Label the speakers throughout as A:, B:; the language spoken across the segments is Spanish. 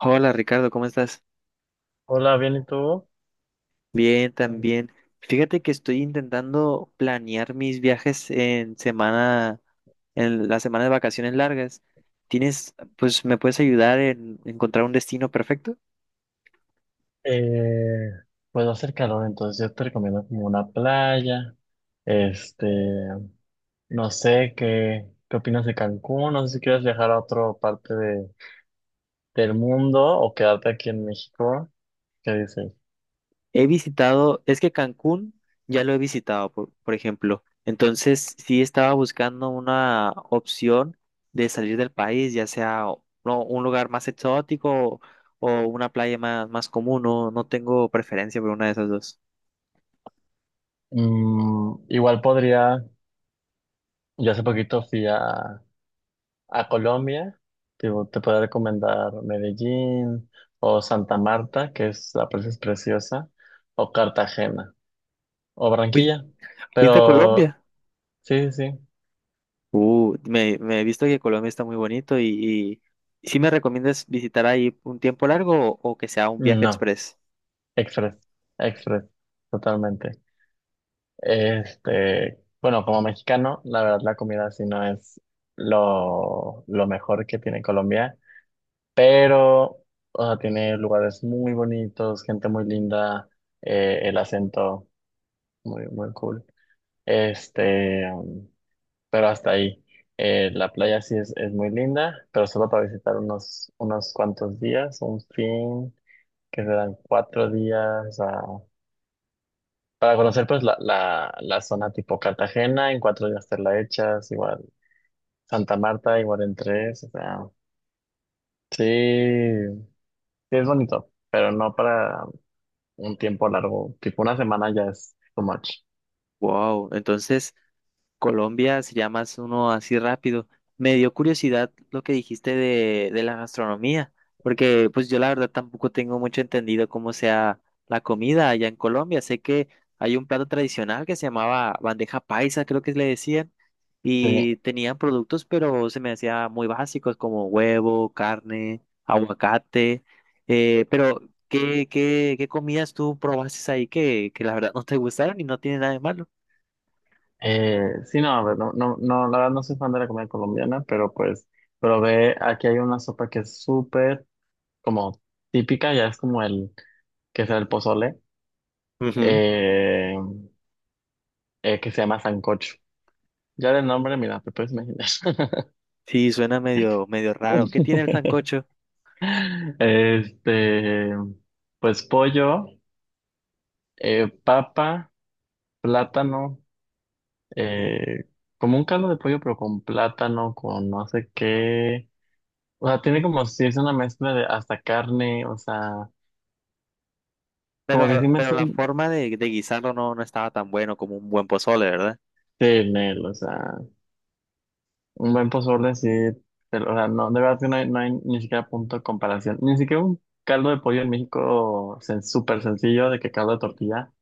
A: Hola Ricardo, ¿cómo estás?
B: Hola, bien, ¿y tú?
A: Bien,
B: Mm.
A: también. Fíjate que estoy intentando planear mis viajes en la semana de vacaciones largas. ¿Pues, me puedes ayudar en encontrar un destino perfecto?
B: Eh, pues va a hacer calor, entonces yo te recomiendo como una playa. Este, no sé qué opinas de Cancún, no sé si quieres viajar a otra parte del mundo o quedarte aquí en México. ¿Qué dices?
A: Es que Cancún ya lo he visitado, por ejemplo. Entonces, sí estaba buscando una opción de salir del país, ya sea no, un lugar más exótico o una playa más común. No, no tengo preferencia por una de esas dos.
B: Igual podría, yo hace poquito fui a Colombia, tipo, te puedo recomendar Medellín o Santa Marta, que es la presa es preciosa, o Cartagena, o
A: ¿Fuis-
B: Barranquilla,
A: ¿Fuiste a
B: pero
A: Colombia?
B: sí, sí, sí,
A: Me he visto que Colombia está muy bonito y ¿sí me recomiendas visitar ahí un tiempo largo o que sea un viaje
B: no,
A: express?
B: Express, Express, totalmente. Bueno, como mexicano, la verdad la comida sí no es lo mejor que tiene Colombia, pero o sea, tiene lugares muy bonitos, gente muy linda, el acento muy, muy cool. Este, um, pero hasta ahí. La playa sí es muy linda, pero solo para visitar unos cuantos días, un fin. Que se dan 4 días para conocer pues la zona tipo Cartagena, en 4 días te la echas, igual Santa Marta, igual en tres. O sea, sí, sí es bonito, pero no para un tiempo largo, tipo una semana ya es too much.
A: Wow, entonces Colombia, si llamas uno así rápido. Me dio curiosidad lo que dijiste de la gastronomía, porque pues yo la verdad tampoco tengo mucho entendido cómo sea la comida allá en Colombia. Sé que hay un plato tradicional que se llamaba bandeja paisa, creo que le decían,
B: Sí,
A: y tenían productos, pero se me hacía muy básicos como huevo, carne, aguacate, pero ¿qué comidas tú probaste ahí que la verdad no te gustaron y no tiene nada de malo?
B: sí, no, a ver, no, no, no, la verdad no soy fan de la comida colombiana, pero pues, pero ve, aquí hay una sopa que es súper como típica, ya es como el, que será el pozole, eh, que se llama sancocho. Ya del nombre, mira, te puedes imaginar.
A: Sí, suena medio, medio raro. ¿Qué tiene el sancocho?
B: Este, pues pollo, papa, plátano, eh, como un caldo de pollo, pero con plátano, con no sé qué. O sea, tiene como si es una mezcla de hasta carne, o sea, como que sí
A: Pero, pero la
B: mezclan
A: forma de guisarlo no estaba tan bueno como un buen pozole, ¿verdad?
B: de en o sea, un buen pozole sí, pero, o sea, no, de verdad que no hay, no hay ni siquiera punto de comparación, ni siquiera un caldo de pollo en México súper sencillo, de que caldo de tortilla.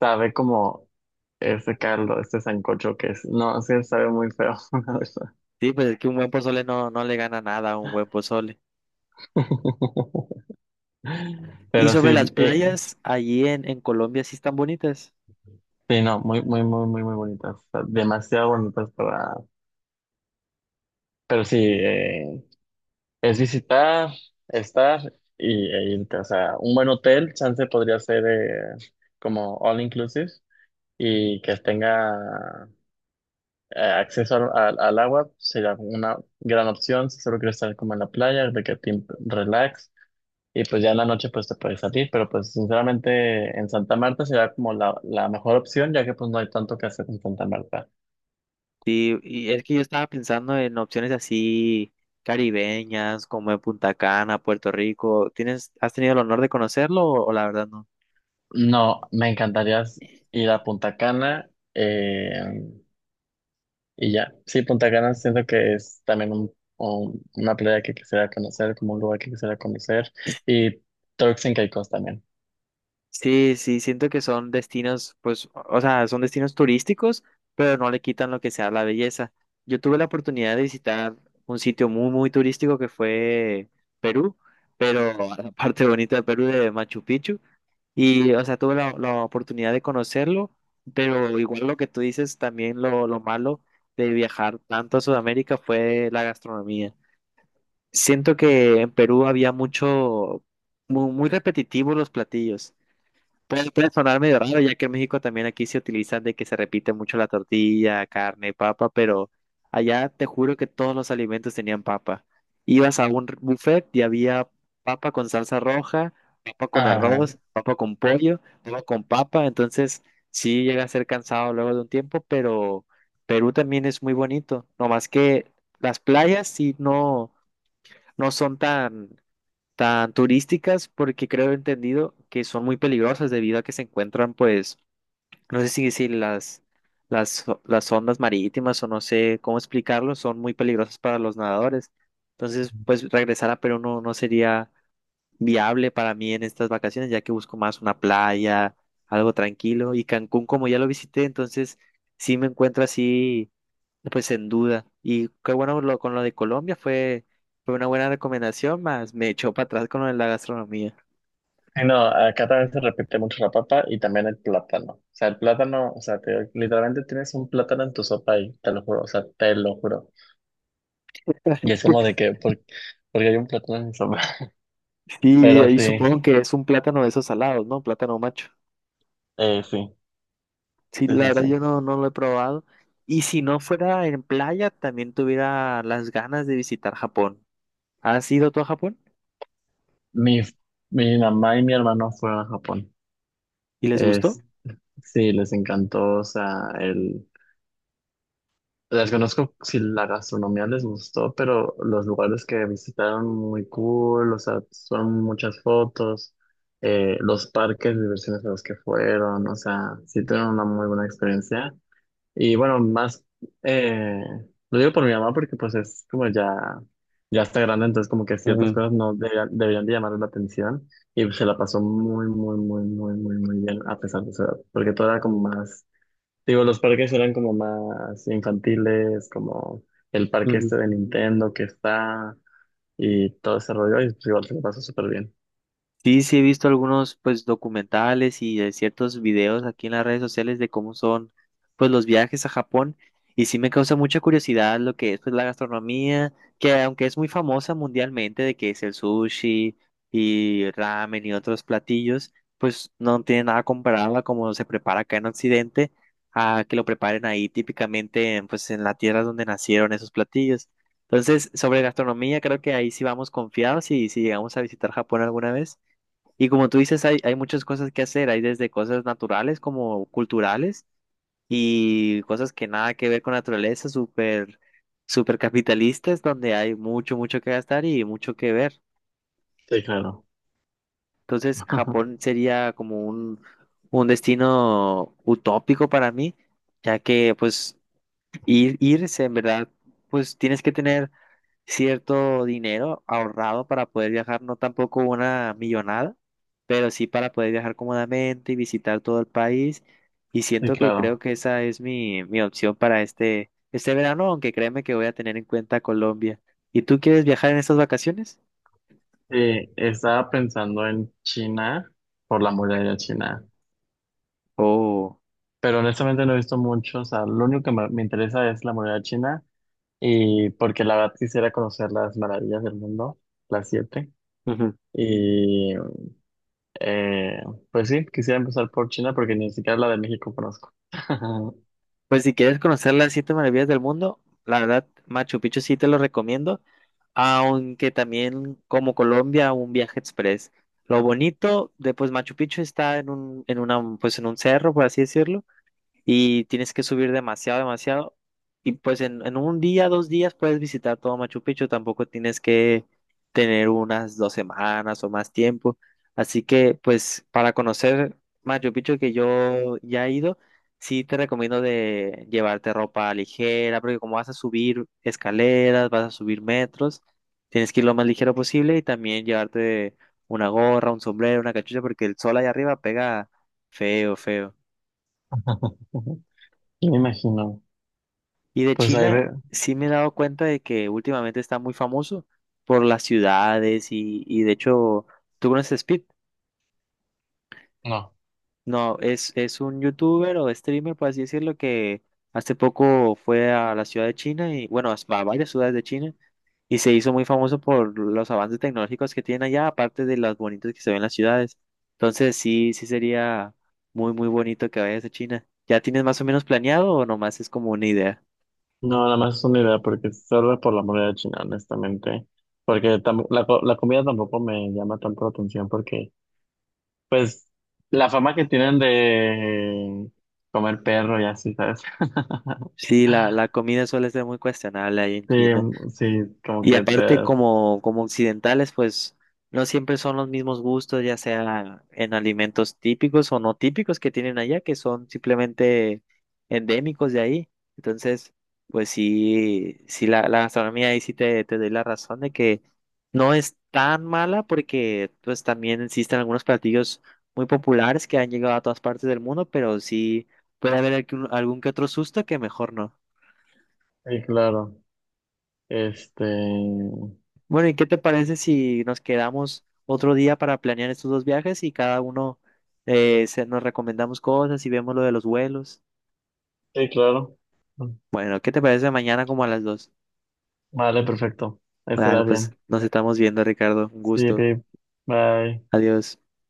B: Sabe como ese caldo, este sancocho que es. No, sí, sabe muy feo, la verdad.
A: Sí, pues es que un buen pozole no le gana nada a un buen pozole. Y
B: Pero
A: sobre las
B: sí,
A: playas, allí en Colombia sí están bonitas.
B: sí, no, muy, muy, muy, muy, muy bonitas. O sea, demasiado bonitas para. Pero sí, es visitar, estar y, e irte. O sea, un buen hotel, chance podría ser como all inclusive y que tenga acceso al agua, sería una gran opción. Si solo quieres estar como en la playa, de que te relax. Y pues ya en la noche pues te puedes salir, pero pues sinceramente en Santa Marta será como la mejor opción, ya que pues no hay tanto que hacer en Santa Marta.
A: Sí, y es que yo estaba pensando en opciones así caribeñas, como en Punta Cana, Puerto Rico. ¿Has tenido el honor de conocerlo o la verdad no?
B: No, me encantaría ir a Punta Cana y ya. Sí, Punta Cana siento que es también una playa que quisiera conocer, como un lugar que quisiera conocer. Y Turks and Caicos también.
A: Sí, sí, siento que son destinos, pues, o sea, son destinos turísticos, pero no le quitan lo que sea la belleza. Yo tuve la oportunidad de visitar un sitio muy, muy turístico que fue Perú, pero la parte bonita de Perú de Machu Picchu. Y, o sea, tuve la oportunidad de conocerlo, pero igual lo que tú dices, también lo malo de viajar tanto a Sudamérica fue la gastronomía. Siento que en Perú había muy, muy repetitivos los platillos. Puede sonar medio raro, ya que en México también aquí se utilizan de que se repite mucho la tortilla, carne, papa, pero allá te juro que todos los alimentos tenían papa. Ibas a un buffet y había papa con salsa roja, papa con
B: Ajá.
A: arroz, papa con pollo, papa con papa, entonces sí llega a ser cansado luego de un tiempo, pero Perú también es muy bonito, no más que las playas sí no son tan turísticas porque creo he entendido que son muy peligrosas debido a que se encuentran, pues, no sé si decir las ondas marítimas o no sé cómo explicarlo, son muy peligrosas para los nadadores. Entonces, pues, regresar a Perú no sería viable para mí en estas vacaciones, ya que busco más una playa, algo tranquilo. Y Cancún, como ya lo visité, entonces sí me encuentro así pues en duda. Y qué bueno con lo de Colombia fue una buena recomendación, más me echó para atrás con lo de la gastronomía.
B: Y no, acá también se repite mucho la papa y también el plátano. O sea, el plátano, o sea, literalmente tienes un plátano en tu sopa ahí, te lo juro, o sea, te lo juro. Y es como de que, porque hay un plátano en mi sopa.
A: Y
B: Pero
A: ahí supongo
B: sí,
A: que es un plátano de esos salados, ¿no? Plátano macho.
B: sí,
A: Sí,
B: sí,
A: la
B: sí,
A: verdad
B: sí.
A: yo no lo he probado. Y si no fuera en playa, también tuviera las ganas de visitar Japón. ¿Has ido tú a Japón?
B: Mi, Mi mamá y mi hermano fueron a Japón.
A: ¿Y les
B: Es,
A: gustó?
B: sí, les encantó, o sea, el... Desconozco si la gastronomía les gustó, pero los lugares que visitaron muy cool, o sea, son muchas fotos, los parques de diversiones a los que fueron, o sea, sí tuvieron una muy buena experiencia. Y bueno, más, eh, lo digo por mi mamá porque pues es como ya está grande, entonces como que ciertas
A: Ujú,
B: cosas no deberían de llamar la atención y se la pasó muy, muy, muy, muy, muy, muy bien a pesar de su edad, porque todo era como más, digo, los parques eran como más infantiles, como el parque
A: ujú.
B: este de Nintendo que está y todo ese rollo y pues igual se la pasó súper bien.
A: Sí, sí he visto algunos pues documentales y ciertos videos aquí en las redes sociales de cómo son pues los viajes a Japón y sí me causa mucha curiosidad lo que es pues la gastronomía, que aunque es muy famosa mundialmente de que es el sushi y ramen y otros platillos, pues no tiene nada comparado a cómo se prepara acá en Occidente a que lo preparen ahí típicamente pues en la tierra donde nacieron esos platillos. Entonces, sobre gastronomía, creo que ahí sí vamos confiados y si llegamos a visitar Japón alguna vez. Y como tú dices, hay muchas cosas que hacer, hay desde cosas naturales como culturales y cosas que nada que ver con la naturaleza, súper, súper capitalistas, donde hay mucho, mucho que gastar y mucho que ver.
B: Sí, claro.
A: Entonces, Japón sería como un destino utópico para mí, ya que pues irse, en verdad, pues tienes que tener cierto dinero ahorrado para poder viajar, no tampoco una millonada, pero sí para poder viajar cómodamente y visitar todo el país. Y
B: Sí,
A: siento que
B: claro.
A: creo que esa es mi opción para este verano, aunque créeme que voy a tener en cuenta Colombia. ¿Y tú quieres viajar en estas vacaciones?
B: Sí, estaba pensando en China por la muralla china.
A: Oh.
B: Pero honestamente no he visto mucho, o sea, lo único que me interesa es la moneda china y porque la verdad quisiera conocer las maravillas del mundo, las siete.
A: Ujú.
B: Y eh, pues sí, quisiera empezar por China porque ni siquiera la de México conozco.
A: Pues si quieres conocer las siete maravillas del mundo, la verdad, Machu Picchu sí te lo recomiendo, aunque también como Colombia, un viaje express. Lo bonito de pues Machu Picchu está en un, en una, pues en un cerro, por así decirlo, y tienes que subir demasiado, demasiado. Y pues en un día, 2 días puedes visitar todo Machu Picchu, tampoco tienes que tener unas 2 semanas o más tiempo. Así que pues para conocer Machu Picchu que yo ya he ido, sí te recomiendo de llevarte ropa ligera, porque como vas a subir escaleras, vas a subir metros, tienes que ir lo más ligero posible y también llevarte una gorra, un sombrero, una cachucha, porque el sol allá arriba pega feo, feo.
B: Y me imagino,
A: Y de
B: pues ahí
A: China
B: ve,
A: sí me he dado cuenta de que últimamente está muy famoso por las ciudades y de hecho, ¿tú conoces Speed?
B: no,
A: No, es un youtuber o streamer, por así decirlo, que hace poco fue a la ciudad de China y bueno, a varias ciudades de China y se hizo muy famoso por los avances tecnológicos que tienen allá, aparte de las bonitas que se ven en las ciudades. Entonces sí, sí sería muy, muy bonito que vayas a China. ¿Ya tienes más o menos planeado o nomás es como una idea?
B: no, nada más es una idea porque solo por la moneda china, honestamente, porque la comida tampoco me llama tanto la atención porque pues la fama que tienen de comer perro y así, ¿sabes?
A: Sí, la comida suele ser muy cuestionable ahí en
B: Sí,
A: China.
B: sí, como
A: Y
B: que te
A: aparte,
B: das.
A: como occidentales, pues no siempre son los mismos gustos, ya sea en alimentos típicos o no típicos que tienen allá, que son simplemente endémicos de ahí. Entonces, pues sí, sí la gastronomía ahí sí te doy la razón de que no es tan mala porque pues también existen algunos platillos muy populares que han llegado a todas partes del mundo, pero sí puede haber algún que otro susto que mejor no.
B: Sí, claro. Este.
A: Bueno, ¿y qué te parece si nos quedamos otro día para planear estos dos viajes y cada uno nos recomendamos cosas y vemos lo de los vuelos?
B: Sí, claro.
A: Bueno, ¿qué te parece mañana como a las 2?
B: Vale, perfecto.
A: Vale,
B: Estará
A: pues
B: bien.
A: nos estamos viendo, Ricardo. Un
B: Sí,
A: gusto.
B: babe. Bye.
A: Adiós.